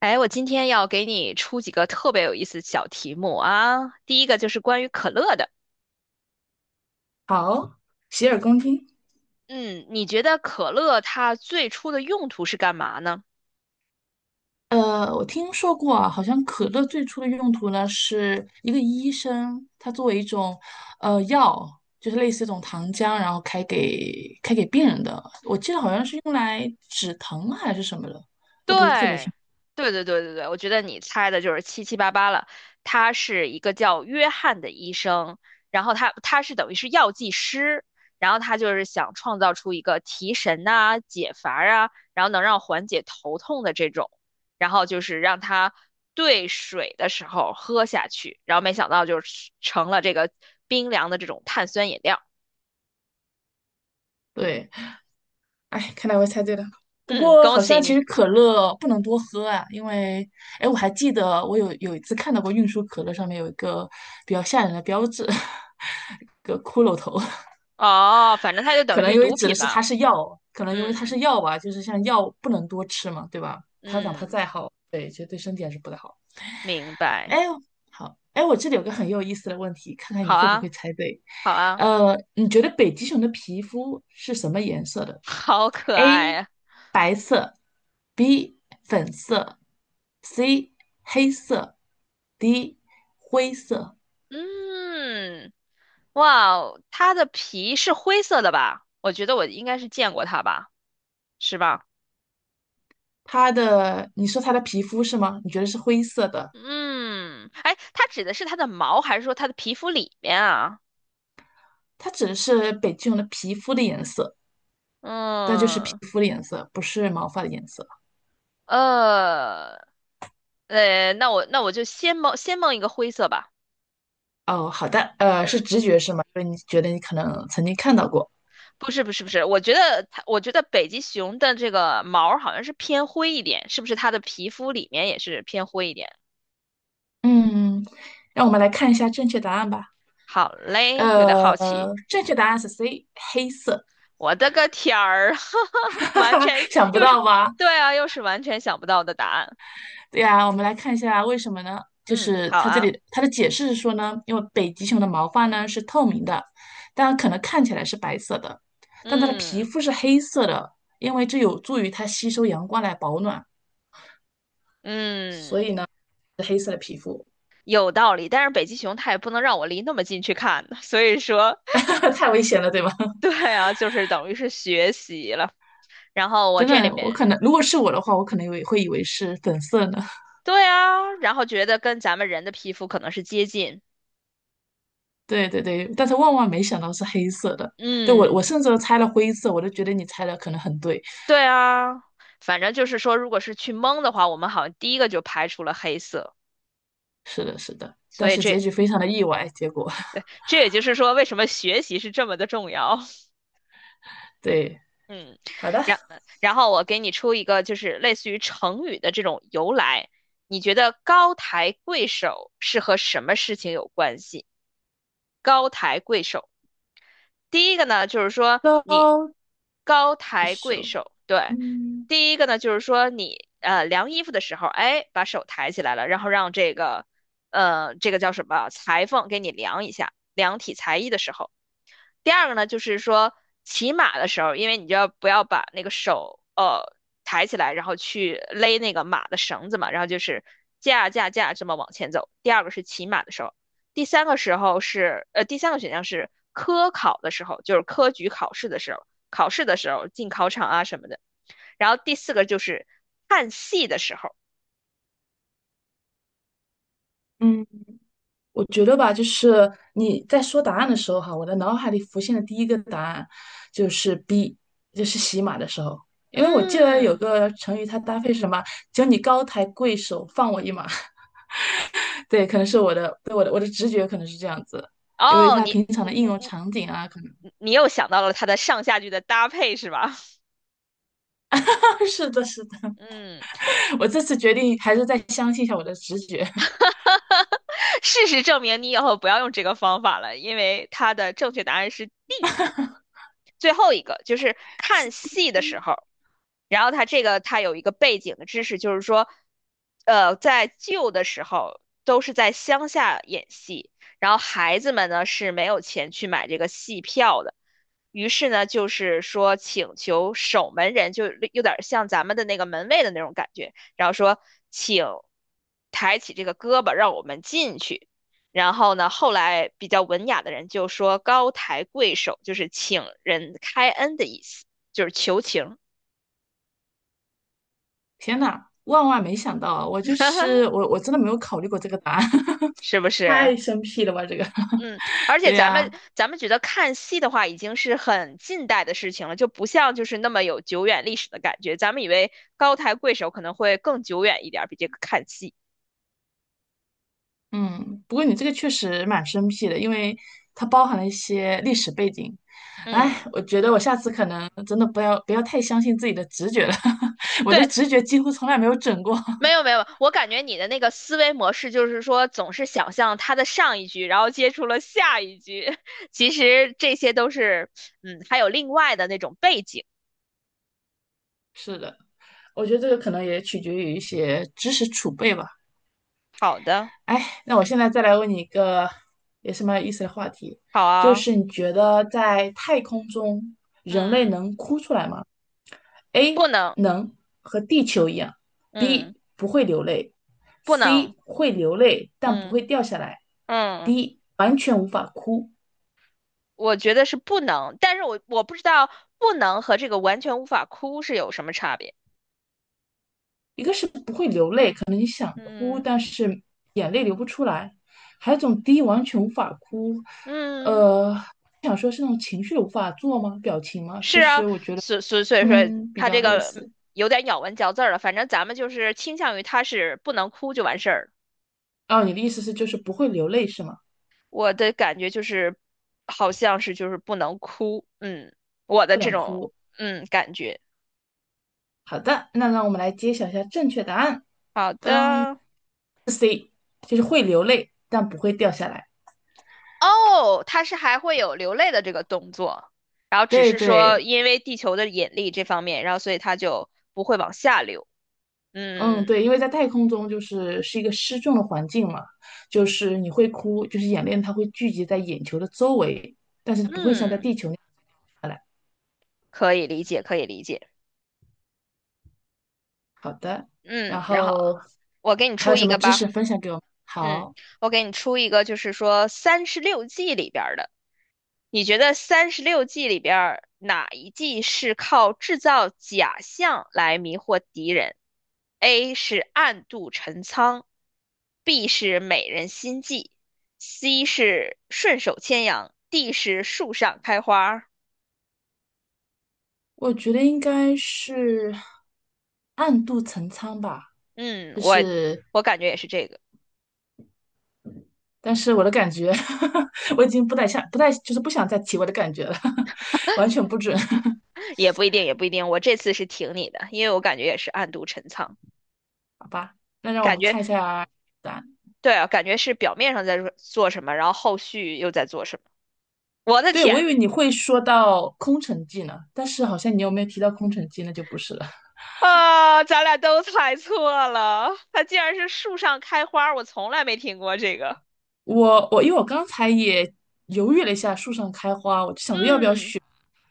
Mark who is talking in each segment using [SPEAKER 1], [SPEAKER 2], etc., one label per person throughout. [SPEAKER 1] 哎，我今天要给你出几个特别有意思的小题目啊。第一个就是关于可乐的，
[SPEAKER 2] 好，洗耳恭听。
[SPEAKER 1] 嗯，你觉得可乐它最初的用途是干嘛呢？
[SPEAKER 2] 我听说过啊，好像可乐最初的用途呢，是一个医生，他作为一种药，就是类似一种糖浆，然后开给病人的。我记得好像是用来止疼啊还是什么的，都不是特别清
[SPEAKER 1] 对，
[SPEAKER 2] 楚。
[SPEAKER 1] 对对对，我觉得你猜的就是七七八八了。他是一个叫约翰的医生，然后他是等于是药剂师，然后他就是想创造出一个提神呐、解乏啊，然后能让缓解头痛的这种，然后就是让他兑水的时候喝下去，然后没想到就是成了这个冰凉的这种碳酸饮料。
[SPEAKER 2] 对，哎，看来我猜对了。不
[SPEAKER 1] 嗯，
[SPEAKER 2] 过
[SPEAKER 1] 恭
[SPEAKER 2] 好
[SPEAKER 1] 喜
[SPEAKER 2] 像其实
[SPEAKER 1] 你。
[SPEAKER 2] 可乐不能多喝啊，因为哎，我还记得我有一次看到过运输可乐上面有一个比较吓人的标志，一个骷髅头。
[SPEAKER 1] 哦，反正它就
[SPEAKER 2] 可
[SPEAKER 1] 等于
[SPEAKER 2] 能
[SPEAKER 1] 是
[SPEAKER 2] 因为
[SPEAKER 1] 毒
[SPEAKER 2] 指的
[SPEAKER 1] 品
[SPEAKER 2] 是它
[SPEAKER 1] 嘛。
[SPEAKER 2] 是药，可能因为它
[SPEAKER 1] 嗯
[SPEAKER 2] 是药吧，就是像药不能多吃嘛，对吧？它哪怕
[SPEAKER 1] 嗯，
[SPEAKER 2] 再好，
[SPEAKER 1] 明白。
[SPEAKER 2] 哎，好，哎，我这里有个很有意思的问题，看看你
[SPEAKER 1] 好
[SPEAKER 2] 会不
[SPEAKER 1] 啊，
[SPEAKER 2] 会猜对。
[SPEAKER 1] 好啊，
[SPEAKER 2] 你觉得北极熊的皮肤是什么颜色的
[SPEAKER 1] 好可
[SPEAKER 2] ？A.
[SPEAKER 1] 爱啊！
[SPEAKER 2] 白色，B. 粉色，C. 黑色，D. 灰色。
[SPEAKER 1] 嗯，哇哦，它的皮是灰色的吧？我觉得我应该是见过它吧，是吧？
[SPEAKER 2] 它的，你说它的皮肤是吗？你觉得是灰色的？
[SPEAKER 1] 嗯，哎，它指的是它的毛，还是说它的皮肤里面啊？
[SPEAKER 2] 它指的是北极熊的皮肤的颜色。它就是皮
[SPEAKER 1] 嗯，
[SPEAKER 2] 肤的颜色，不是毛发的颜色。
[SPEAKER 1] 呃，那我就先蒙一个灰色吧。
[SPEAKER 2] 哦，好的，是
[SPEAKER 1] 嗯，
[SPEAKER 2] 直觉是吗？所以你觉得你可能曾经看到过。
[SPEAKER 1] 不是不是不是，我觉得它，我觉得北极熊的这个毛儿好像是偏灰一点，是不是它的皮肤里面也是偏灰一点？
[SPEAKER 2] 嗯，让我们来看一下正确答案吧。
[SPEAKER 1] 好嘞，有点好奇。
[SPEAKER 2] 正确答案是 C，黑色。
[SPEAKER 1] 我的个天儿，
[SPEAKER 2] 哈
[SPEAKER 1] 完
[SPEAKER 2] 哈，
[SPEAKER 1] 全
[SPEAKER 2] 想不
[SPEAKER 1] 又是，
[SPEAKER 2] 到吧？
[SPEAKER 1] 对啊，又是完全想不到的答案。
[SPEAKER 2] 对呀，我们来看一下为什么呢？就
[SPEAKER 1] 嗯，
[SPEAKER 2] 是
[SPEAKER 1] 好
[SPEAKER 2] 它这
[SPEAKER 1] 啊，
[SPEAKER 2] 里它的解释是说呢，因为北极熊的毛发呢是透明的，当然可能看起来是白色的，但它的皮
[SPEAKER 1] 嗯
[SPEAKER 2] 肤是黑色的，因为这有助于它吸收阳光来保暖，所
[SPEAKER 1] 嗯，
[SPEAKER 2] 以呢是黑色的皮肤。
[SPEAKER 1] 有道理。但是北极熊它也不能让我离那么近去看，所以说，
[SPEAKER 2] 那太危险了，对吧？
[SPEAKER 1] 对啊，就是等于是学习了。然后我
[SPEAKER 2] 真
[SPEAKER 1] 这里
[SPEAKER 2] 的，我可
[SPEAKER 1] 面，
[SPEAKER 2] 能如果是我的话，我可能也会以为是粉色呢。
[SPEAKER 1] 对啊，然后觉得跟咱们人的皮肤可能是接近。
[SPEAKER 2] 对对对，但是万万没想到是黑色的。对我，
[SPEAKER 1] 嗯，
[SPEAKER 2] 我甚至都猜了灰色，我都觉得你猜的可能很对。
[SPEAKER 1] 对啊，反正就是说，如果是去蒙的话，我们好像第一个就排除了黑色，
[SPEAKER 2] 是的，是的，
[SPEAKER 1] 所
[SPEAKER 2] 但
[SPEAKER 1] 以
[SPEAKER 2] 是结
[SPEAKER 1] 这
[SPEAKER 2] 局非常的意外，结果
[SPEAKER 1] 这也就是说，为什么学习是这么的重要。
[SPEAKER 2] 对。
[SPEAKER 1] 嗯，
[SPEAKER 2] 好的，
[SPEAKER 1] 然然后我给你出一个，就是类似于成语的这种由来。你觉得高抬贵手是和什么事情有关系？高抬贵手，第一个呢，就是说你
[SPEAKER 2] 到
[SPEAKER 1] 高
[SPEAKER 2] 一
[SPEAKER 1] 抬贵
[SPEAKER 2] 首，
[SPEAKER 1] 手，对，
[SPEAKER 2] 嗯
[SPEAKER 1] 第一个呢，就是说你量衣服的时候，哎，把手抬起来了，然后让这个这个叫什么裁缝给你量一下，量体裁衣的时候。第二个呢，就是说骑马的时候，因为你就要不要把那个手抬起来，然后去勒那个马的绳子嘛，然后就是架架架这么往前走。第二个是骑马的时候，第三个时候是第三个选项是科考的时候，就是科举考试的时候，考试的时候进考场啊什么的。然后第四个就是看戏的时候，
[SPEAKER 2] 嗯。我觉得吧，就是你在说答案的时候哈，我的脑海里浮现的第一个答案就是 B，就是洗马的时候，因为我记得有
[SPEAKER 1] 嗯，
[SPEAKER 2] 个成语，它搭配是什么？只你高抬贵手，放我一马。对，可能是我的，对我的直觉可能是这样子，因为
[SPEAKER 1] 哦，
[SPEAKER 2] 它
[SPEAKER 1] 你
[SPEAKER 2] 平常
[SPEAKER 1] 你
[SPEAKER 2] 的应用
[SPEAKER 1] 你
[SPEAKER 2] 场景啊，可能
[SPEAKER 1] 你你又想到了它的上下句的搭配是吧？
[SPEAKER 2] 是的，是的。
[SPEAKER 1] 嗯。
[SPEAKER 2] 我这次决定还是再相信一下我的直觉。
[SPEAKER 1] 事实证明，你以后不要用这个方法了，因为它的正确答案是 D，最后一个就是 看
[SPEAKER 2] 是
[SPEAKER 1] 戏的时候，然后它这个它有一个背景的知识，就是说，呃，在旧的时候都是在乡下演戏，然后孩子们呢是没有钱去买这个戏票的，于是呢就是说请求守门人，就有点像咱们的那个门卫的那种感觉，然后说请抬起这个胳膊让我们进去。然后呢，后来比较文雅的人就说高抬贵手，就是请人开恩的意思，就是求情，
[SPEAKER 2] 天呐，万万没想到啊！我就 是我，我真的没有考虑过这个答案，
[SPEAKER 1] 是不是？
[SPEAKER 2] 太生僻了吧？这个，
[SPEAKER 1] 嗯，而 且
[SPEAKER 2] 对
[SPEAKER 1] 咱们
[SPEAKER 2] 呀、
[SPEAKER 1] 咱们觉得看戏的话，已经是很近代的事情了，就不像就是那么有久远历史的感觉。咱们以为高抬贵手可能会更久远一点儿，比这个看戏。
[SPEAKER 2] 嗯，不过你这个确实蛮生僻的，因为它包含了一些历史背景。哎，
[SPEAKER 1] 嗯，
[SPEAKER 2] 我觉得我下次可能真的不要太相信自己的直觉了，我的
[SPEAKER 1] 对，
[SPEAKER 2] 直觉几乎从来没有准过。
[SPEAKER 1] 没 有没有，我感觉你的那个思维模式就是说，总是想象他的上一句，然后接触了下一句。其实这些都是，嗯，还有另外的那种背景。
[SPEAKER 2] 是的，我觉得这个可能也取决于一些知识储备吧。
[SPEAKER 1] 好的，
[SPEAKER 2] 哎，那我现在再来问你一个也是蛮有意思的话题，
[SPEAKER 1] 好
[SPEAKER 2] 就
[SPEAKER 1] 啊，
[SPEAKER 2] 是你觉得在太空中人类
[SPEAKER 1] 嗯，
[SPEAKER 2] 能哭出来吗？
[SPEAKER 1] 不
[SPEAKER 2] A
[SPEAKER 1] 能，
[SPEAKER 2] 能和地球一样
[SPEAKER 1] 嗯，
[SPEAKER 2] ，B 不会流泪
[SPEAKER 1] 不能，
[SPEAKER 2] ，C 会流泪但不
[SPEAKER 1] 嗯
[SPEAKER 2] 会掉下来
[SPEAKER 1] 嗯，
[SPEAKER 2] ，D 完全无法哭。
[SPEAKER 1] 我觉得是不能，但是我不知道不能和这个完全无法哭是有什么差别。
[SPEAKER 2] 一个是不会流泪，可能想哭，
[SPEAKER 1] 嗯
[SPEAKER 2] 但是眼泪流不出来；还有一种 D 完全无法哭，
[SPEAKER 1] 嗯。
[SPEAKER 2] 呃，想说是那种情绪无法做吗？表情吗？其
[SPEAKER 1] 是啊，
[SPEAKER 2] 实我觉得
[SPEAKER 1] 所所所以
[SPEAKER 2] 他
[SPEAKER 1] 说
[SPEAKER 2] 们比
[SPEAKER 1] 他
[SPEAKER 2] 较
[SPEAKER 1] 这
[SPEAKER 2] 类
[SPEAKER 1] 个
[SPEAKER 2] 似。
[SPEAKER 1] 有点咬文嚼字儿了。反正咱们就是倾向于他是不能哭就完事儿。
[SPEAKER 2] 哦，你的意思是就是不会流泪是吗？
[SPEAKER 1] 我的感觉就是好像是就是不能哭，嗯，我的
[SPEAKER 2] 不
[SPEAKER 1] 这
[SPEAKER 2] 能
[SPEAKER 1] 种
[SPEAKER 2] 哭。
[SPEAKER 1] 嗯感觉。
[SPEAKER 2] 好的，那让我们来揭晓一下正确答案。
[SPEAKER 1] 好的，
[SPEAKER 2] 就是会流泪，但不会掉下来。
[SPEAKER 1] 哦，他是还会有流泪的这个动作，然后只
[SPEAKER 2] 对
[SPEAKER 1] 是说
[SPEAKER 2] 对，
[SPEAKER 1] 因为地球的引力这方面，然后所以他就不会往下流。嗯
[SPEAKER 2] 嗯对，因为在太空中是一个失重的环境嘛，就是你会哭，就是眼泪它会聚集在眼球的周围，但是它不会像在
[SPEAKER 1] 嗯，
[SPEAKER 2] 地球那样下来。
[SPEAKER 1] 可以理解，可以理解。
[SPEAKER 2] 好的，然
[SPEAKER 1] 嗯，然后
[SPEAKER 2] 后
[SPEAKER 1] 我给你
[SPEAKER 2] 还有
[SPEAKER 1] 出
[SPEAKER 2] 什
[SPEAKER 1] 一
[SPEAKER 2] 么
[SPEAKER 1] 个
[SPEAKER 2] 知
[SPEAKER 1] 吧。
[SPEAKER 2] 识分享给我们
[SPEAKER 1] 嗯，
[SPEAKER 2] 好，
[SPEAKER 1] 我给你出一个，就是说三十六计里边儿的，你觉得三十六计里边儿哪一计是靠制造假象来迷惑敌人？A 是暗度陈仓，B 是美人心计，C 是顺手牵羊，D 是树上开花儿
[SPEAKER 2] 我觉得应该是暗度陈仓吧，
[SPEAKER 1] 嗯，
[SPEAKER 2] 就
[SPEAKER 1] 我
[SPEAKER 2] 是，
[SPEAKER 1] 我感觉也是这个，
[SPEAKER 2] 但是我的感觉，我已经不太想，不太就是不想再提我的感觉了，完全不准。
[SPEAKER 1] 也不一定，也不一定。我这次是挺你的，因为我感觉也是暗度陈仓。
[SPEAKER 2] 那让我
[SPEAKER 1] 感
[SPEAKER 2] 们
[SPEAKER 1] 觉。
[SPEAKER 2] 看一下答案。
[SPEAKER 1] 对啊，感觉是表面上在做什么，然后后续又在做什么。我的
[SPEAKER 2] 对，我
[SPEAKER 1] 天
[SPEAKER 2] 以为你会说到空城计呢，但是好像你有没有提到空城计，那就不是了。
[SPEAKER 1] 啊，咱俩都猜错了，它竟然是树上开花，我从来没听过这个。
[SPEAKER 2] 我因为我刚才也犹豫了一下，树上开花，我就想着要不要
[SPEAKER 1] 嗯，
[SPEAKER 2] 选，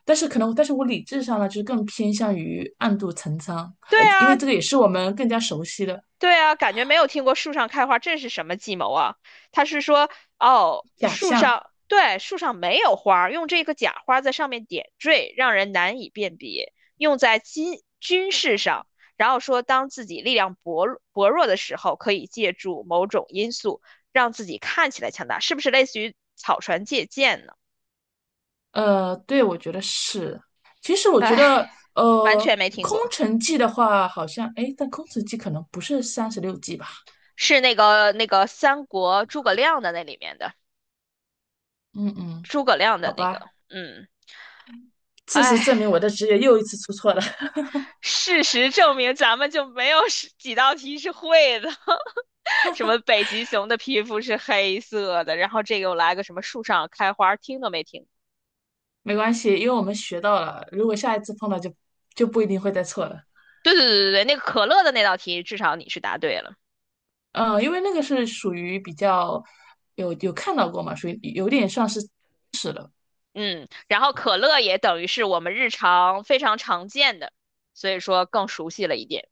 [SPEAKER 2] 但是可能，但是我理智上呢，就是更偏向于暗度陈仓，
[SPEAKER 1] 对
[SPEAKER 2] 因
[SPEAKER 1] 啊，
[SPEAKER 2] 为这个也是我们更加熟悉的
[SPEAKER 1] 对啊，感觉没有听过树上开花，这是什么计谋啊？他是说，哦，
[SPEAKER 2] 假
[SPEAKER 1] 树
[SPEAKER 2] 象。
[SPEAKER 1] 上，对，树上没有花儿用这个假花在上面点缀，让人难以辨别，用在军事上。然后说，当自己力量薄弱的时候，可以借助某种因素让自己看起来强大，是不是类似于草船借箭呢？
[SPEAKER 2] 对，我觉得是。其实我觉
[SPEAKER 1] 唉
[SPEAKER 2] 得，
[SPEAKER 1] 完
[SPEAKER 2] 呃，
[SPEAKER 1] 全没听
[SPEAKER 2] 空
[SPEAKER 1] 过，
[SPEAKER 2] 城计的话，好像，哎，但空城计可能不是三十六计吧？
[SPEAKER 1] 是那个三国诸葛亮的那里面的
[SPEAKER 2] 嗯嗯，
[SPEAKER 1] 诸葛亮
[SPEAKER 2] 好
[SPEAKER 1] 的那个，
[SPEAKER 2] 吧。
[SPEAKER 1] 嗯，
[SPEAKER 2] 事实证明
[SPEAKER 1] 唉。
[SPEAKER 2] 我的职业又一次出错了，
[SPEAKER 1] 事实证明，咱们就没有十几道题是会的。什么北极熊的皮肤是黑色的，然后这个又来个什么树上开花，听都没听。
[SPEAKER 2] 没关系，因为我们学到了，如果下一次碰到就就不一定会再错了。
[SPEAKER 1] 对对对对对，那个可乐的那道题，至少你是答对了。
[SPEAKER 2] 嗯，因为那个是属于比较有看到过嘛，属于有点像是，
[SPEAKER 1] 嗯，然后可乐也等于是我们日常非常常见的，所以说更熟悉了一点。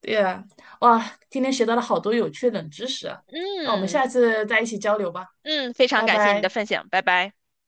[SPEAKER 2] 对呀。哇，今天学到了好多有趣的冷知识啊，那我们
[SPEAKER 1] 嗯
[SPEAKER 2] 下次再一起交流吧，
[SPEAKER 1] 嗯，非常
[SPEAKER 2] 拜
[SPEAKER 1] 感谢你的
[SPEAKER 2] 拜。
[SPEAKER 1] 分享，拜拜。